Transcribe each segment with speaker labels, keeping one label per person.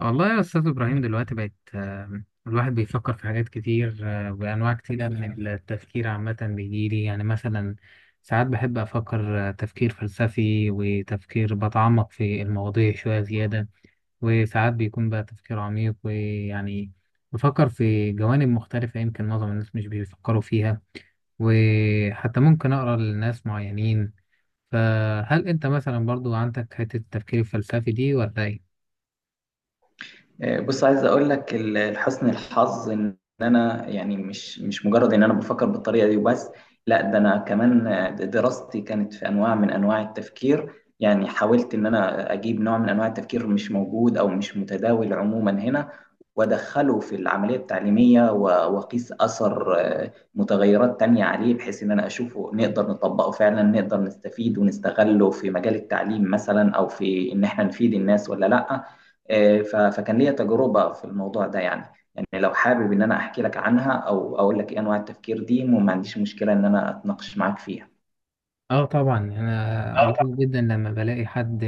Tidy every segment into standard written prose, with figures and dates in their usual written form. Speaker 1: والله يا أستاذ إبراهيم دلوقتي بقت الواحد بيفكر في حاجات كتير، آه، وأنواع كتيرة من التفكير عامة بيجيلي يعني مثلا ساعات بحب أفكر تفكير فلسفي وتفكير بتعمق في المواضيع شوية زيادة. وساعات بيكون بقى تفكير عميق ويعني بفكر في جوانب مختلفة يمكن معظم الناس مش بيفكروا فيها، وحتى ممكن أقرأ لناس معينين. فهل أنت مثلا برضو عندك حتة التفكير الفلسفي دي ولا إيه؟
Speaker 2: بص عايز اقول لك لحسن الحظ ان انا يعني مش مجرد ان انا بفكر بالطريقه دي وبس. لا ده انا كمان دراستي كانت في انواع من انواع التفكير. يعني حاولت ان انا اجيب نوع من انواع التفكير مش موجود او مش متداول عموما هنا وادخله في العمليه التعليميه واقيس اثر متغيرات تانية عليه بحيث ان انا اشوفه نقدر نطبقه فعلا، نقدر نستفيد ونستغله في مجال التعليم مثلا او في ان احنا نفيد الناس ولا لا. فكان ليا تجربة في الموضوع ده يعني. يعني لو حابب إن أنا أحكي لك عنها أو أقول لك إيه أنواع التفكير دي، وما عنديش مشكلة إن أنا أتناقش معاك فيها.
Speaker 1: اه طبعا، انا قليل جدا لما بلاقي حد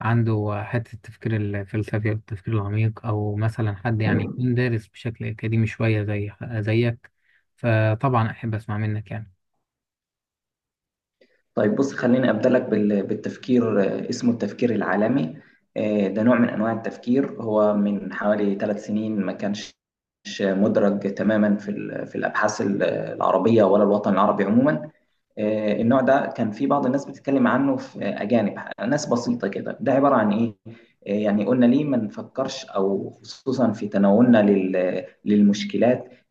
Speaker 1: عنده حته التفكير الفلسفي او التفكير العميق، او مثلا حد يعني يكون دارس بشكل اكاديمي شويه زيك. فطبعا احب اسمع منك يعني
Speaker 2: طيب بص خليني أبدأ لك بالتفكير، اسمه التفكير العالمي. ده نوع من أنواع التفكير، هو من حوالي 3 سنين ما كانش مدرج تماما في الأبحاث العربية ولا الوطن العربي عموما. النوع ده كان في بعض الناس بتتكلم عنه في أجانب، ناس بسيطة كده. ده عبارة عن إيه؟ يعني قلنا ليه ما نفكرش أو خصوصا في تناولنا للمشكلات.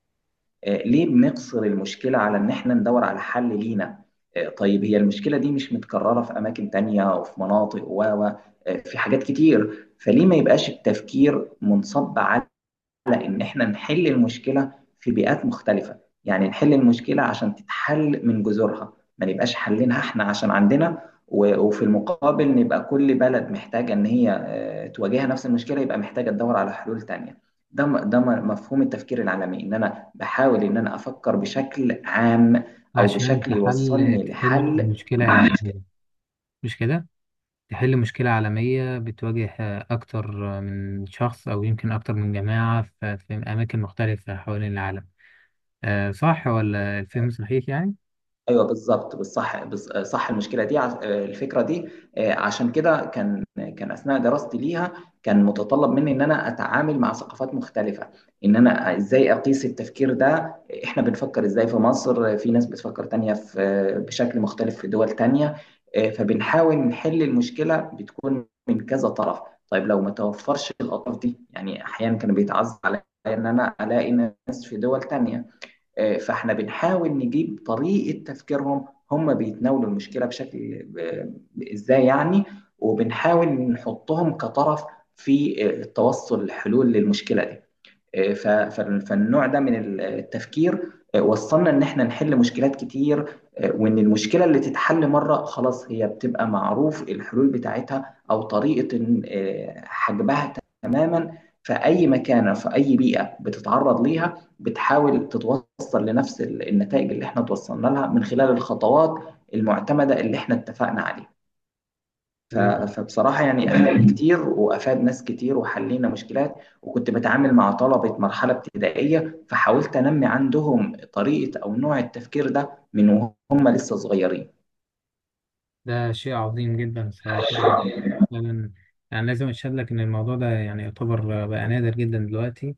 Speaker 2: ليه بنقصر المشكلة على إن إحنا ندور على حل لينا؟ طيب هي المشكلة دي مش متكررة في أماكن تانية وفي مناطق في حاجات كتير، فليه ما يبقاش التفكير منصب على على إن إحنا نحل المشكلة في بيئات مختلفة؟ يعني نحل المشكلة عشان تتحل من جذورها، ما نبقاش حلينها إحنا عشان عندنا وفي المقابل نبقى كل بلد محتاجة إن هي تواجهها نفس المشكلة، يبقى محتاجة تدور على حلول تانية. مفهوم التفكير العالمي إن أنا بحاول إن أنا أفكر بشكل عام أو
Speaker 1: عشان
Speaker 2: بشكل
Speaker 1: تحل
Speaker 2: يوصلني
Speaker 1: تحل
Speaker 2: لحل.
Speaker 1: المشكله العالميه، مش كده؟ تحل مشكله عالميه بتواجه اكتر من شخص او يمكن اكتر من جماعه في اماكن مختلفه حوالين العالم. آه، صح ولا الفهم صحيح يعني؟
Speaker 2: ايوه بالظبط بالصح، صح المشكله دي، الفكره دي. عشان كده كان اثناء دراستي ليها كان متطلب مني ان انا اتعامل مع ثقافات مختلفه، ان انا ازاي اقيس التفكير ده. احنا بنفكر ازاي في مصر، في ناس بتفكر تانية في بشكل مختلف في دول تانية. فبنحاول نحل المشكله، بتكون من كذا طرف. طيب لو ما توفرش الاطراف دي، يعني احيانا كان بيتعز عليا ان انا الاقي ناس في دول تانية. فاحنا بنحاول نجيب طريقه تفكيرهم، هم بيتناولوا المشكله بشكل ازاي يعني. وبنحاول نحطهم كطرف في التوصل لحلول للمشكله دي. ف- ف- فالنوع ده من التفكير، وصلنا ان احنا نحل مشكلات كتير، وان المشكله اللي تتحل مره خلاص هي بتبقى معروف الحلول بتاعتها او طريقه حجبها تماما. فاي مكانه في اي بيئه بتتعرض ليها، بتحاول تتوصل لنفس النتائج اللي احنا توصلنا لها من خلال الخطوات المعتمده اللي احنا اتفقنا عليها. ف
Speaker 1: طيب،
Speaker 2: فبصراحة يعني أفاد كتير وأفاد ناس كتير وحلينا مشكلات. وكنت باتعامل مع طلبة مرحلة ابتدائية فحاولت أنمي عندهم طريقة أو نوع التفكير ده من وهم لسه صغيرين.
Speaker 1: ده شيء عظيم جدا الصراحة، فعلا. يعني لازم أشهد لك إن الموضوع ده يعني يعتبر بقى نادر جدا دلوقتي.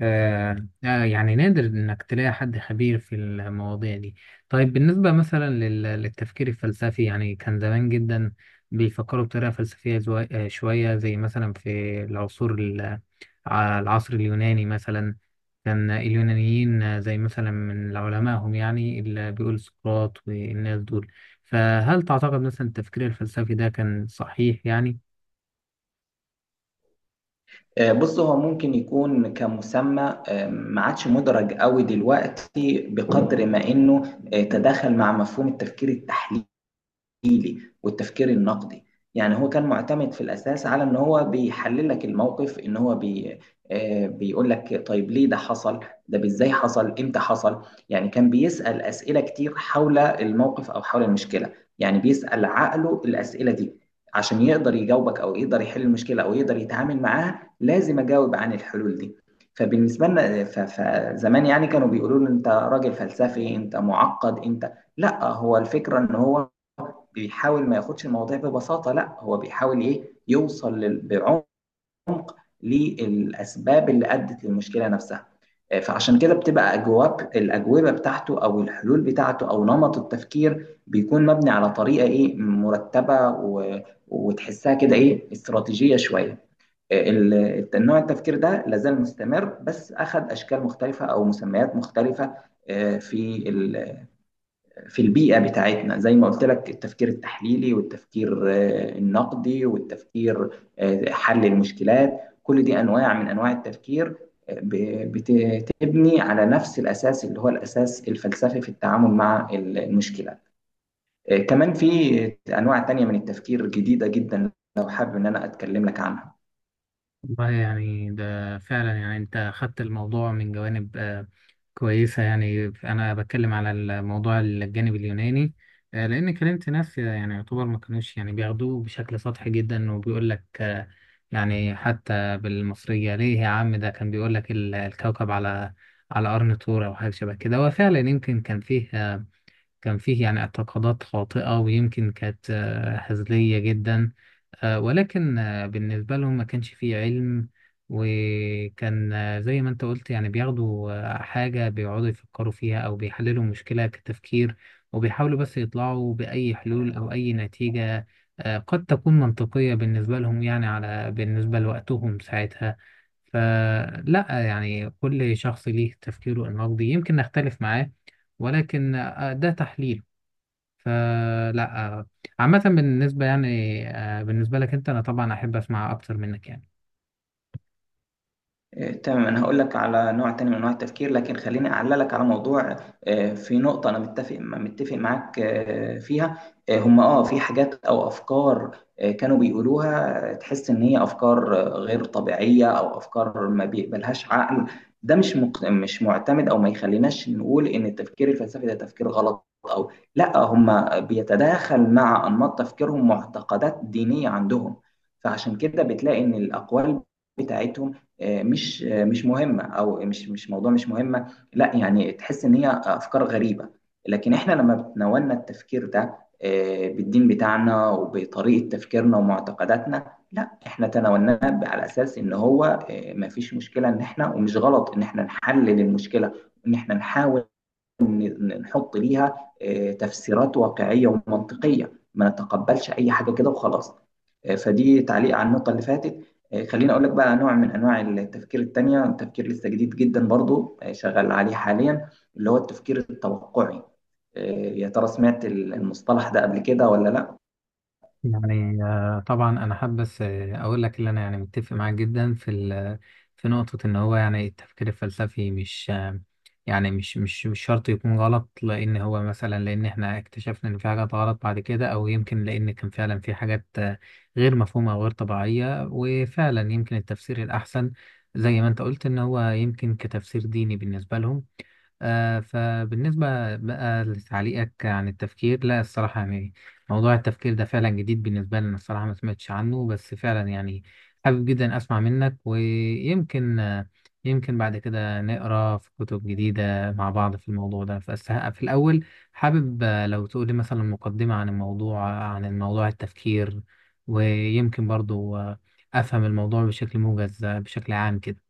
Speaker 1: يعني نادر إنك تلاقي حد خبير في المواضيع دي. طيب بالنسبة مثلا للتفكير الفلسفي، يعني كان زمان جدا بيفكروا بطريقة فلسفية شوية زي مثلا في العصور ال- العصر اليوناني مثلا. كان اليونانيين زي مثلا من علمائهم يعني اللي بيقول سقراط والناس دول. فهل تعتقد مثلا التفكير الفلسفي ده كان صحيح يعني؟
Speaker 2: بص هو ممكن يكون كمسمى، ما عادش مدرج قوي دلوقتي بقدر ما إنه تداخل مع مفهوم التفكير التحليلي. والتفكير النقدي. يعني هو كان معتمد في الأساس على إن هو بيحلل لك الموقف، إن هو بي آه، بيقول لك طيب ليه ده حصل، ده إزاي حصل، إمتى حصل. يعني كان بيسأل أسئلة كتير حول الموقف أو حول المشكلة. يعني بيسأل عقله الأسئلة دي عشان يقدر يجاوبك أو يقدر يحل المشكلة أو يقدر يتعامل معاها، لازم أجاوب عن الحلول دي. فبالنسبة لنا فزمان يعني كانوا بيقولوا له أنت راجل فلسفي، أنت معقد، أنت لا. هو الفكرة إن هو بيحاول ما ياخدش المواضيع ببساطة، لا هو بيحاول ايه يوصل بعمق للأسباب اللي أدت للمشكلة نفسها. فعشان كده بتبقى الأجوبة بتاعته أو الحلول بتاعته أو نمط التفكير بيكون مبني على طريقة ايه مرتبة وتحسها كده ايه استراتيجية شوية. النوع التفكير ده لازال مستمر بس أخذ أشكال مختلفة أو مسميات مختلفة. آه، في ال- في البيئة بتاعتنا زي ما قلت لك، التفكير التحليلي والتفكير النقدي والتفكير حل المشكلات، كل دي أنواع من أنواع التفكير. بتبني على نفس الأساس اللي هو الأساس الفلسفي في التعامل مع المشكلة. كمان في أنواع تانية من التفكير جديدة جدا لو حابب إن أنا أتكلم لك عنها.
Speaker 1: والله يعني ده فعلا، يعني انت خدت الموضوع من جوانب كويسة. يعني انا بتكلم على الموضوع الجانب اليوناني، لان كلمت ناس يعني يعتبر ما كانوش يعني بياخدوه بشكل سطحي جدا، وبيقول لك يعني حتى بالمصرية ليه يا عم، ده كان بيقول لك الكوكب على على قرن طور او حاجة شبه كده. وفعلا يمكن كان فيه آه، كان فيه يعني اعتقادات خاطئة، ويمكن كانت هزلية جدا، آه، ولكن بالنسبة لهم ما كانش فيه علم. وكان زي ما انت قلت، يعني بياخدوا حاجة بيقعدوا يفكروا فيها أو بيحللوا مشكلة كتفكير، وبيحاولوا بس يطلعوا بأي حلول أو أي نتيجة قد تكون منطقية بالنسبة لهم، يعني على بالنسبة لوقتهم ساعتها. فلا يعني كل شخص ليه تفكيره النقدي، يمكن نختلف معاه ولكن ده تحليل. فلا آه، عامة بالنسبة يعني بالنسبة لك انت، انا طبعا احب اسمع اكتر منك يعني.
Speaker 2: تمام انا هقول لك على نوع تاني من انواع التفكير لكن خليني اعلق لك على موضوع. في نقطه انا متفق معاك فيها. هم في حاجات او افكار كانوا بيقولوها، تحس ان هي افكار غير طبيعيه او افكار ما بيقبلهاش عقل. ده مش معتمد، او ما يخليناش نقول ان التفكير الفلسفي ده تفكير غلط او لا. هم بيتداخل مع انماط تفكيرهم معتقدات دينيه عندهم، فعشان كده بتلاقي ان الاقوال بتاعتهم مش مهمه، او مش مهمه. لا يعني تحس ان هي افكار غريبه. لكن احنا لما بتناولنا التفكير ده بالدين بتاعنا وبطريقه تفكيرنا ومعتقداتنا، لا احنا تناولناه على اساس ان هو ما فيش مشكله ان احنا، ومش غلط ان احنا نحلل المشكله وان احنا نحاول نحط ليها تفسيرات واقعيه ومنطقيه، ما نتقبلش اي حاجه كده وخلاص. فدي تعليق على النقطة اللي فاتت. خليني أقول لك بقى نوع من أنواع التفكير التانية، تفكير لسه جديد جدا برضو، شغال عليه حاليا، اللي هو التفكير التوقعي. آه، يا ترى سمعت المصطلح ده قبل كده ولا لا؟
Speaker 1: يعني طبعا انا حابب بس اقول لك اللي انا يعني متفق معاك جدا في في نقطة ان هو يعني التفكير الفلسفي مش يعني مش شرط يكون غلط، لان هو مثلا لان احنا اكتشفنا ان في حاجات غلط بعد كده، او يمكن لان كان فعلا في حاجات غير مفهومة او غير طبيعية، وفعلا يمكن التفسير الاحسن زي ما انت قلت ان هو يمكن كتفسير ديني بالنسبة لهم. فبالنسبة بقى لتعليقك عن التفكير، لا الصراحة يعني موضوع التفكير ده فعلا جديد بالنسبة لنا الصراحة، ما سمعتش عنه، بس فعلا يعني حابب جدا أسمع منك. ويمكن يمكن بعد كده نقرأ في كتب جديدة مع بعض في الموضوع ده، بس في الأول حابب لو تقولي مثلا مقدمة عن الموضوع التفكير، ويمكن برضو أفهم الموضوع بشكل موجز، بشكل عام كده.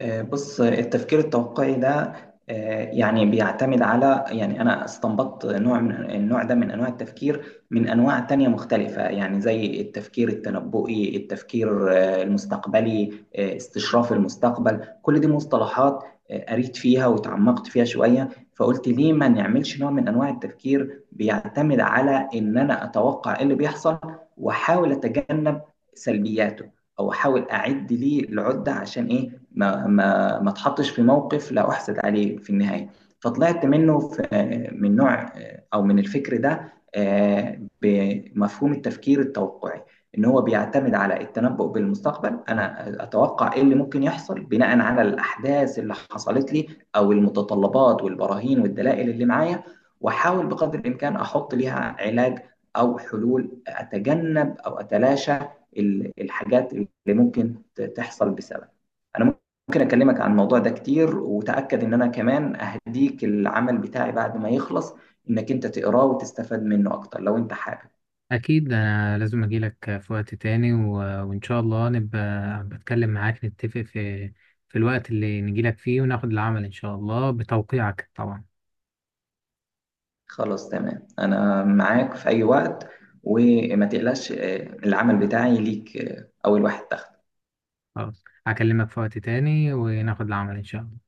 Speaker 2: بص التفكير التوقعي ده يعني بيعتمد على، يعني أنا استنبطت نوع من النوع ده من أنواع التفكير من أنواع تانية مختلفة، يعني زي التفكير التنبؤي، التفكير المستقبلي، استشراف المستقبل، كل دي مصطلحات قريت فيها وتعمقت فيها شوية. فقلت ليه ما نعملش نوع من أنواع التفكير بيعتمد على إن أنا أتوقع إيه اللي بيحصل وأحاول أتجنب سلبياته، او احاول اعد ليه العده عشان ايه ما اتحطش في موقف لا احسد عليه في النهايه. فطلعت منه في من نوع او من الفكر ده بمفهوم التفكير التوقعي، ان هو بيعتمد على التنبؤ بالمستقبل. انا اتوقع ايه اللي ممكن يحصل بناء على الاحداث اللي حصلت لي او المتطلبات والبراهين والدلائل اللي معايا، واحاول بقدر الامكان احط ليها علاج او حلول اتجنب او اتلاشى الحاجات اللي ممكن تحصل بسبب انا. ممكن اكلمك عن الموضوع ده كتير، وتاكد ان انا كمان اهديك العمل بتاعي بعد ما يخلص، انك انت تقراه وتستفاد منه اكتر لو انت حابب.
Speaker 1: أكيد أنا لازم أجيلك في وقت تاني، وإن شاء الله نبقى بتكلم معاك، نتفق في في الوقت اللي نجيلك فيه، وناخد العمل إن شاء الله بتوقيعك طبعا.
Speaker 2: خلاص تمام انا معاك في اي وقت وما تقلقش، العمل بتاعي ليك اول واحد دخل.
Speaker 1: خلاص هكلمك في وقت تاني وناخد العمل إن شاء الله.